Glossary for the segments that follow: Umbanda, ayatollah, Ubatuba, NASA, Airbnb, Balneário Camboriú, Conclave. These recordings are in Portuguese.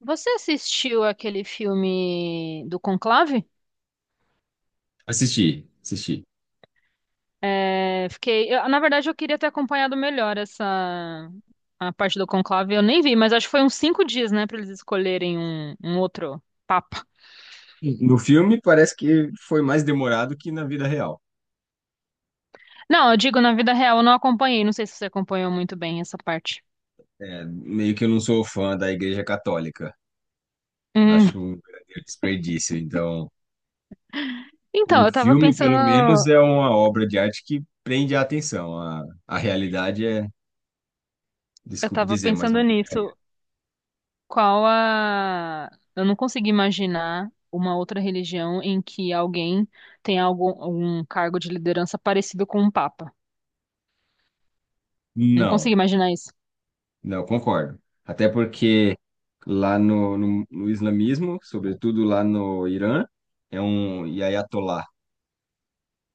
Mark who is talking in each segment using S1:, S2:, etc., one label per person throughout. S1: Você assistiu aquele filme do Conclave?
S2: Assisti, assisti.
S1: É, fiquei, na verdade, eu queria ter acompanhado melhor essa a parte do Conclave. Eu nem vi, mas acho que foi uns 5 dias, né, para eles escolherem um outro papa.
S2: No filme parece que foi mais demorado que na vida real.
S1: Não, eu digo na vida real, eu não acompanhei. Não sei se você acompanhou muito bem essa parte.
S2: É, meio que eu não sou fã da Igreja Católica.
S1: Hum.
S2: Acho um verdadeiro desperdício. Então,
S1: Então,
S2: o
S1: eu tava
S2: filme, pelo menos,
S1: pensando,
S2: é uma obra de arte que prende a atenção. A realidade é,
S1: eu
S2: desculpe
S1: tava
S2: dizer, mas é
S1: pensando
S2: uma porcaria.
S1: nisso. Qual a? Eu não consigo imaginar uma outra religião em que alguém tem algum cargo de liderança parecido com um papa. Não consigo
S2: Não,
S1: imaginar isso.
S2: não, concordo. Até porque lá no islamismo, sobretudo lá no Irã, é um ayatollah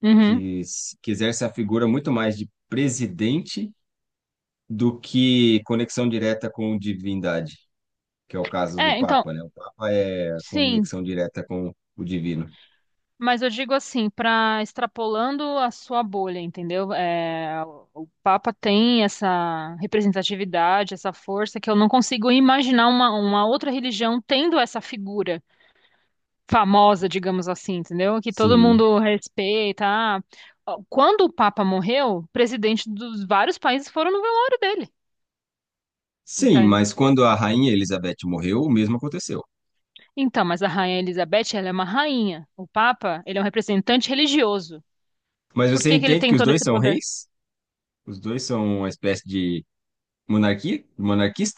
S1: Uhum.
S2: que, que exerce a figura muito mais de presidente do que conexão direta com divindade, que é o caso do
S1: É, então,
S2: Papa, né? O Papa é a
S1: sim,
S2: conexão direta com o divino.
S1: mas eu digo assim, para extrapolando a sua bolha, entendeu? É, o Papa tem essa representatividade, essa força que eu não consigo imaginar uma outra religião tendo essa figura famosa, digamos assim, entendeu? Que todo
S2: Sim.
S1: mundo respeita. Ah, quando o Papa morreu, presidente dos vários países foram no velório dele.
S2: Sim,
S1: Então,
S2: mas quando a rainha Elizabeth morreu, o mesmo aconteceu.
S1: então, mas a Rainha Elizabeth, ela é uma rainha. O Papa, ele é um representante religioso.
S2: Mas
S1: Por
S2: você
S1: que que ele
S2: entende
S1: tem
S2: que os
S1: todo
S2: dois
S1: esse
S2: são
S1: poder?
S2: reis? Os dois são uma espécie de monarquia?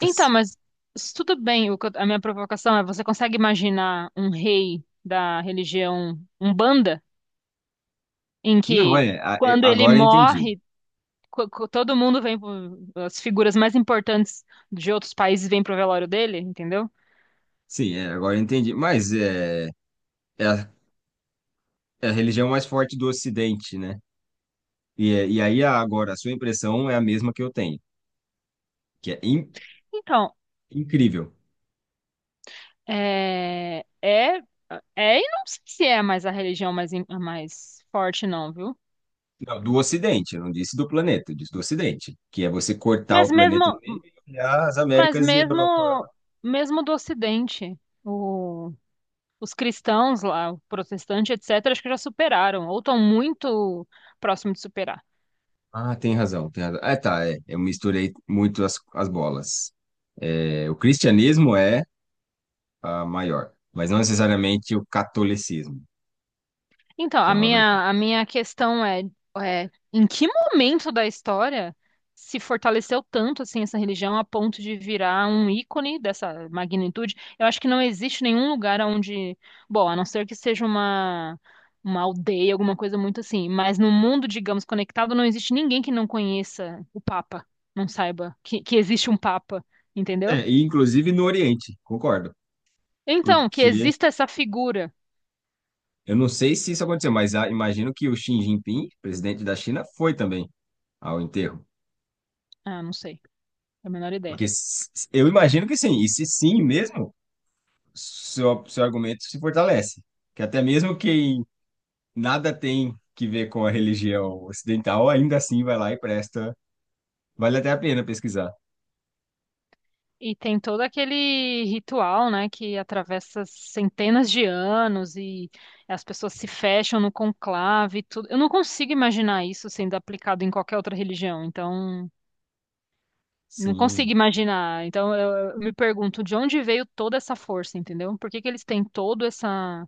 S1: Então, mas tudo bem, o que a minha provocação é, você consegue imaginar um rei da religião Umbanda, em
S2: Não,
S1: que
S2: é, a- é,
S1: quando ele
S2: agora eu entendi.
S1: morre, todo mundo vem, as figuras mais importantes de outros países vêm pro velório dele, entendeu?
S2: Sim, agora eu entendi. É a, é a religião mais forte do Ocidente, né? Agora, a sua impressão é a mesma que eu tenho, que é
S1: Então,
S2: incrível.
S1: é, é, é, e não sei se é mais a religião mais forte, não, viu?
S2: Não, do Ocidente, eu não disse do planeta, eu disse do Ocidente, que é você cortar
S1: Mas
S2: o planeta no
S1: mesmo,
S2: meio e olhar as
S1: mas
S2: Américas e a
S1: mesmo,
S2: Europa.
S1: mesmo do Ocidente, o os cristãos lá, o protestante, etc., acho que já superaram, ou estão muito próximo de superar.
S2: Ah, tem razão, tem razão. Ah, tá, é, eu misturei muito as bolas. É, o cristianismo é a maior, mas não necessariamente o catolicismo,
S1: Então,
S2: que
S1: a
S2: é uma vertente.
S1: minha, a minha questão é, em que momento da história se fortaleceu tanto assim essa religião a ponto de virar um ícone dessa magnitude? Eu acho que não existe nenhum lugar onde, bom, a não ser que seja uma aldeia, alguma coisa muito assim, mas no mundo, digamos, conectado, não existe ninguém que não conheça o Papa, não saiba que existe um Papa. Entendeu?
S2: É, e inclusive no Oriente, concordo,
S1: Então, que
S2: porque
S1: exista essa figura.
S2: eu não sei se isso aconteceu, mas imagino que o Xi Jinping, presidente da China, foi também ao enterro?
S1: Ah, não sei, é a menor ideia.
S2: Porque eu imagino que sim, e se sim mesmo, seu argumento se fortalece. Que até mesmo quem nada tem que ver com a religião ocidental, ainda assim vai lá e presta. Vale até a pena pesquisar.
S1: E tem todo aquele ritual, né, que atravessa centenas de anos e as pessoas se fecham no conclave e tudo. Eu não consigo imaginar isso sendo aplicado em qualquer outra religião, então não consigo
S2: Sim.
S1: imaginar. Então eu me pergunto de onde veio toda essa força, entendeu? Por que que eles têm todo essa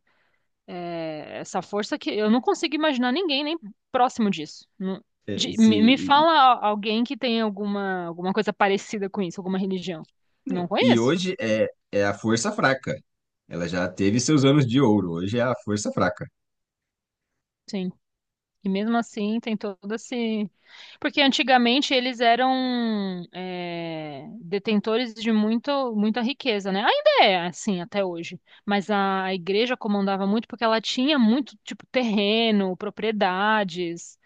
S1: Essa força que eu não consigo imaginar ninguém nem próximo disso. Não-
S2: É, e,
S1: de-
S2: se-
S1: me, me
S2: e- e-
S1: fala alguém que tem alguma coisa parecida com isso, alguma religião. Não
S2: não. E
S1: conheço.
S2: hoje é a força fraca. Ela já teve seus anos de ouro, hoje é a força fraca.
S1: Sim. E mesmo assim tem todo esse. Porque antigamente eles eram detentores de muita riqueza, né? Ainda é assim até hoje. Mas a igreja comandava muito porque ela tinha muito, tipo, terreno, propriedades.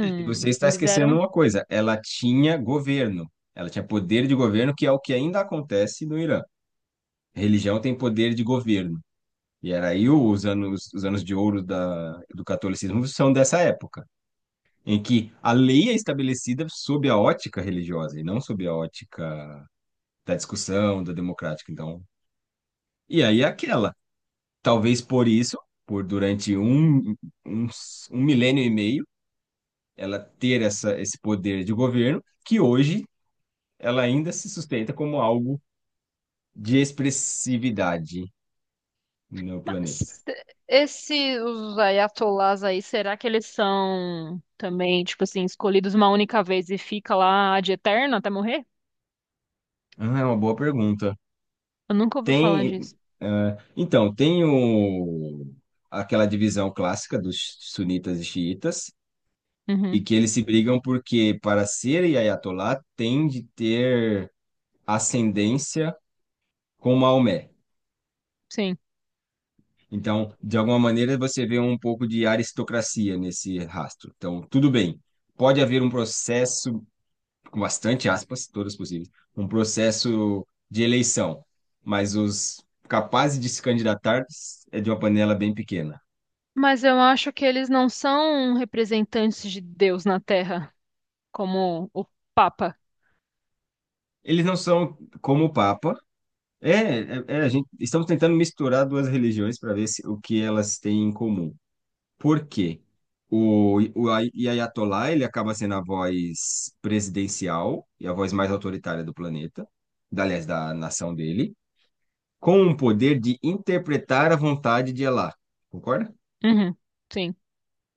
S2: E você está
S1: eles
S2: esquecendo
S1: eram.
S2: uma coisa: ela tinha governo, ela tinha poder de governo, que é o que ainda acontece no Irã. Religião tem poder de governo. E era aí os anos de ouro da, do catolicismo são dessa época, em que a lei é estabelecida sob a ótica religiosa e não sob a ótica da discussão, da democrática. Então, e aí é aquela, talvez por isso, por durante um, um milênio e meio, ela ter essa, esse poder de governo, que hoje ela ainda se sustenta como algo de expressividade no planeta.
S1: Mas esses os ayatollahs aí, será que eles são também, tipo assim, escolhidos uma única vez e fica lá de eterno até morrer?
S2: Ah, é uma boa pergunta.
S1: Eu nunca ouvi falar
S2: Tem,
S1: disso.
S2: então, aquela divisão clássica dos sunitas e xiitas, e
S1: Uhum,
S2: que eles se brigam porque, para ser Ayatollah, tem de ter ascendência com Maomé.
S1: sim.
S2: Então, de alguma maneira, você vê um pouco de aristocracia nesse rastro. Então, tudo bem. Pode haver um processo, com bastante aspas, todas possíveis, um processo de eleição, mas os capazes de se candidatar é de uma panela bem pequena.
S1: Mas eu acho que eles não são representantes de Deus na Terra, como o Papa.
S2: Eles não são como o Papa. É, é, é, a gente, estamos tentando misturar duas religiões para ver se, o que elas têm em comum. Por quê? O Ayatollah, ele acaba sendo a voz presidencial e a voz mais autoritária do planeta, aliás, da nação dele, com o poder de interpretar a vontade de Allah. Concorda?
S1: Uhum, sim.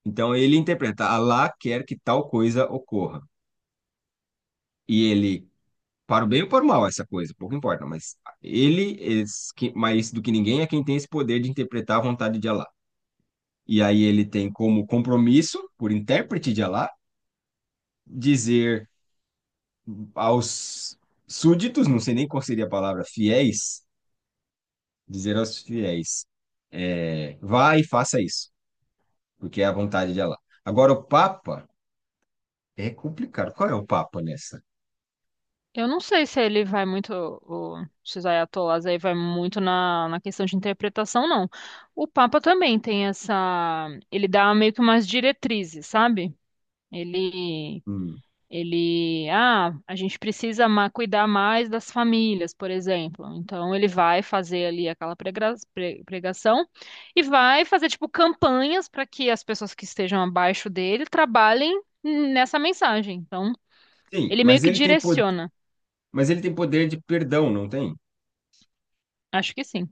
S2: Então, ele interpreta, Allah quer que tal coisa ocorra. E ele para o bem ou para o mal essa coisa, pouco importa, mas ele, mais do que ninguém, é quem tem esse poder de interpretar a vontade de Allah. E aí ele tem como compromisso, por intérprete de Allah, dizer aos súditos, não sei nem qual seria a palavra, fiéis, dizer aos fiéis, é, vá e faça isso, porque é a vontade de Allah. Agora, o Papa é complicado. Qual é o Papa nessa?
S1: Eu não sei se ele vai muito, esses ayatollahs aí vai muito na questão de interpretação, não. O Papa também tem essa, ele dá meio que umas diretrizes, sabe? Ele,
S2: Hum.
S1: ah, a gente precisa cuidar mais das famílias, por exemplo. Então ele vai fazer ali aquela pregação e vai fazer tipo campanhas para que as pessoas que estejam abaixo dele trabalhem nessa mensagem. Então
S2: Sim,
S1: ele meio que direciona.
S2: mas ele tem poder de perdão, não tem?
S1: Acho que sim.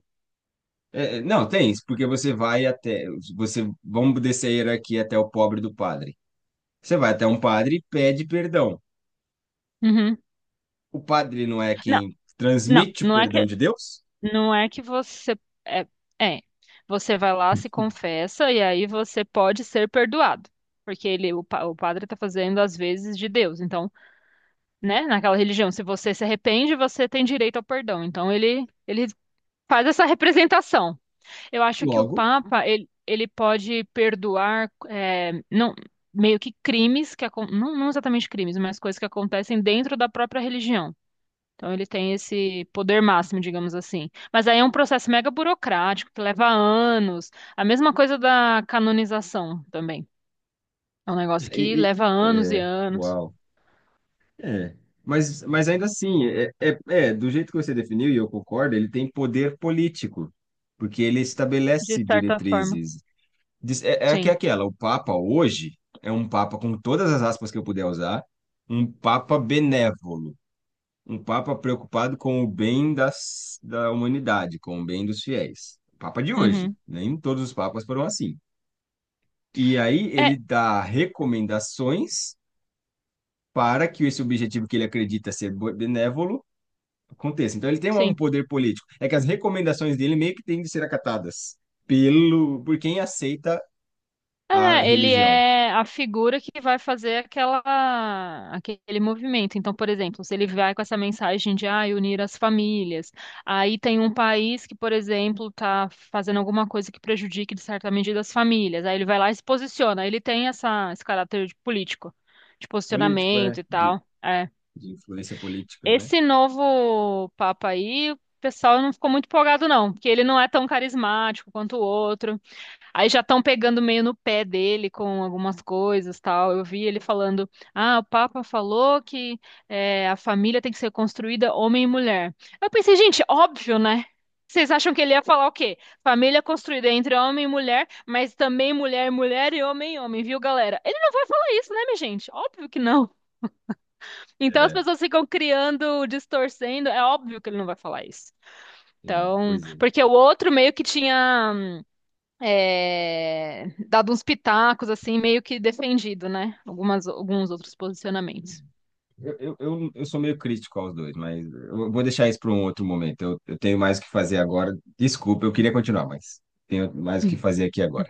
S2: Não, tem isso, porque você vai até, você, vamos descer a hierarquia até o pobre do padre. Você vai até um padre e pede perdão.
S1: Uhum.
S2: O padre não é
S1: Não,
S2: quem
S1: não,
S2: transmite o
S1: não é
S2: perdão
S1: que
S2: de Deus?
S1: Não é que é, é, você vai lá, se confessa e aí você pode ser perdoado. Porque o padre está fazendo às vezes de Deus. Então, né, naquela religião, se você se arrepende, você tem direito ao perdão. Então, ele faz essa representação. Eu acho que o
S2: Logo,
S1: Papa, ele pode perdoar não meio que crimes que não, não exatamente crimes, mas coisas que acontecem dentro da própria religião. Então ele tem esse poder máximo, digamos assim. Mas aí é um processo mega burocrático que leva anos. A mesma coisa da canonização também. É um negócio que
S2: e, e-
S1: leva anos e
S2: é,
S1: anos,
S2: uau. É. Mas ainda assim, do jeito que você definiu, e eu concordo, ele tem poder político, porque ele
S1: de
S2: estabelece
S1: certa forma.
S2: diretrizes. É, é que é
S1: Sim.
S2: aquela, o Papa hoje é um Papa, com todas as aspas que eu puder usar, um Papa benévolo, um papa preocupado com o bem das, da humanidade, com o bem dos fiéis. O papa de hoje,
S1: Uhum.
S2: nem todos os papas foram assim. E aí
S1: É,
S2: ele dá recomendações para que esse objetivo que ele acredita ser benévolo aconteça. Então ele tem um
S1: sim.
S2: poder político. É que as recomendações dele meio que têm de ser acatadas pelo por quem aceita a
S1: É, ele
S2: religião.
S1: é a figura que vai fazer aquele movimento. Então, por exemplo, se ele vai com essa mensagem de ah, unir as famílias, aí tem um país que, por exemplo, está fazendo alguma coisa que prejudique, de certa medida, as famílias. Aí ele vai lá e se posiciona. Ele tem esse caráter de político, de
S2: Político
S1: posicionamento
S2: é
S1: e tal. É.
S2: de influência política, né?
S1: Esse novo Papa aí, o pessoal não ficou muito empolgado, não, porque ele não é tão carismático quanto o outro. Aí já estão pegando meio no pé dele com algumas coisas, tal. Eu vi ele falando: "Ah, o Papa falou que a família tem que ser construída homem e mulher". Eu pensei, gente, óbvio, né? Vocês acham que ele ia falar o quê? Família construída entre homem e mulher, mas também mulher e mulher e homem, viu, galera? Ele não vai falar isso, né, minha gente? Óbvio que não. Então as
S2: É,
S1: pessoas ficam criando, distorcendo. É óbvio que ele não vai falar isso.
S2: é,
S1: Então,
S2: pois é.
S1: porque o outro meio que tinha dado uns pitacos, assim, meio que defendido, né? Alguns outros posicionamentos.
S2: Eu sou meio crítico aos dois, mas eu vou deixar isso para um outro momento. Eu tenho mais o que fazer agora. Desculpa, eu queria continuar, mas tenho mais o que fazer aqui agora.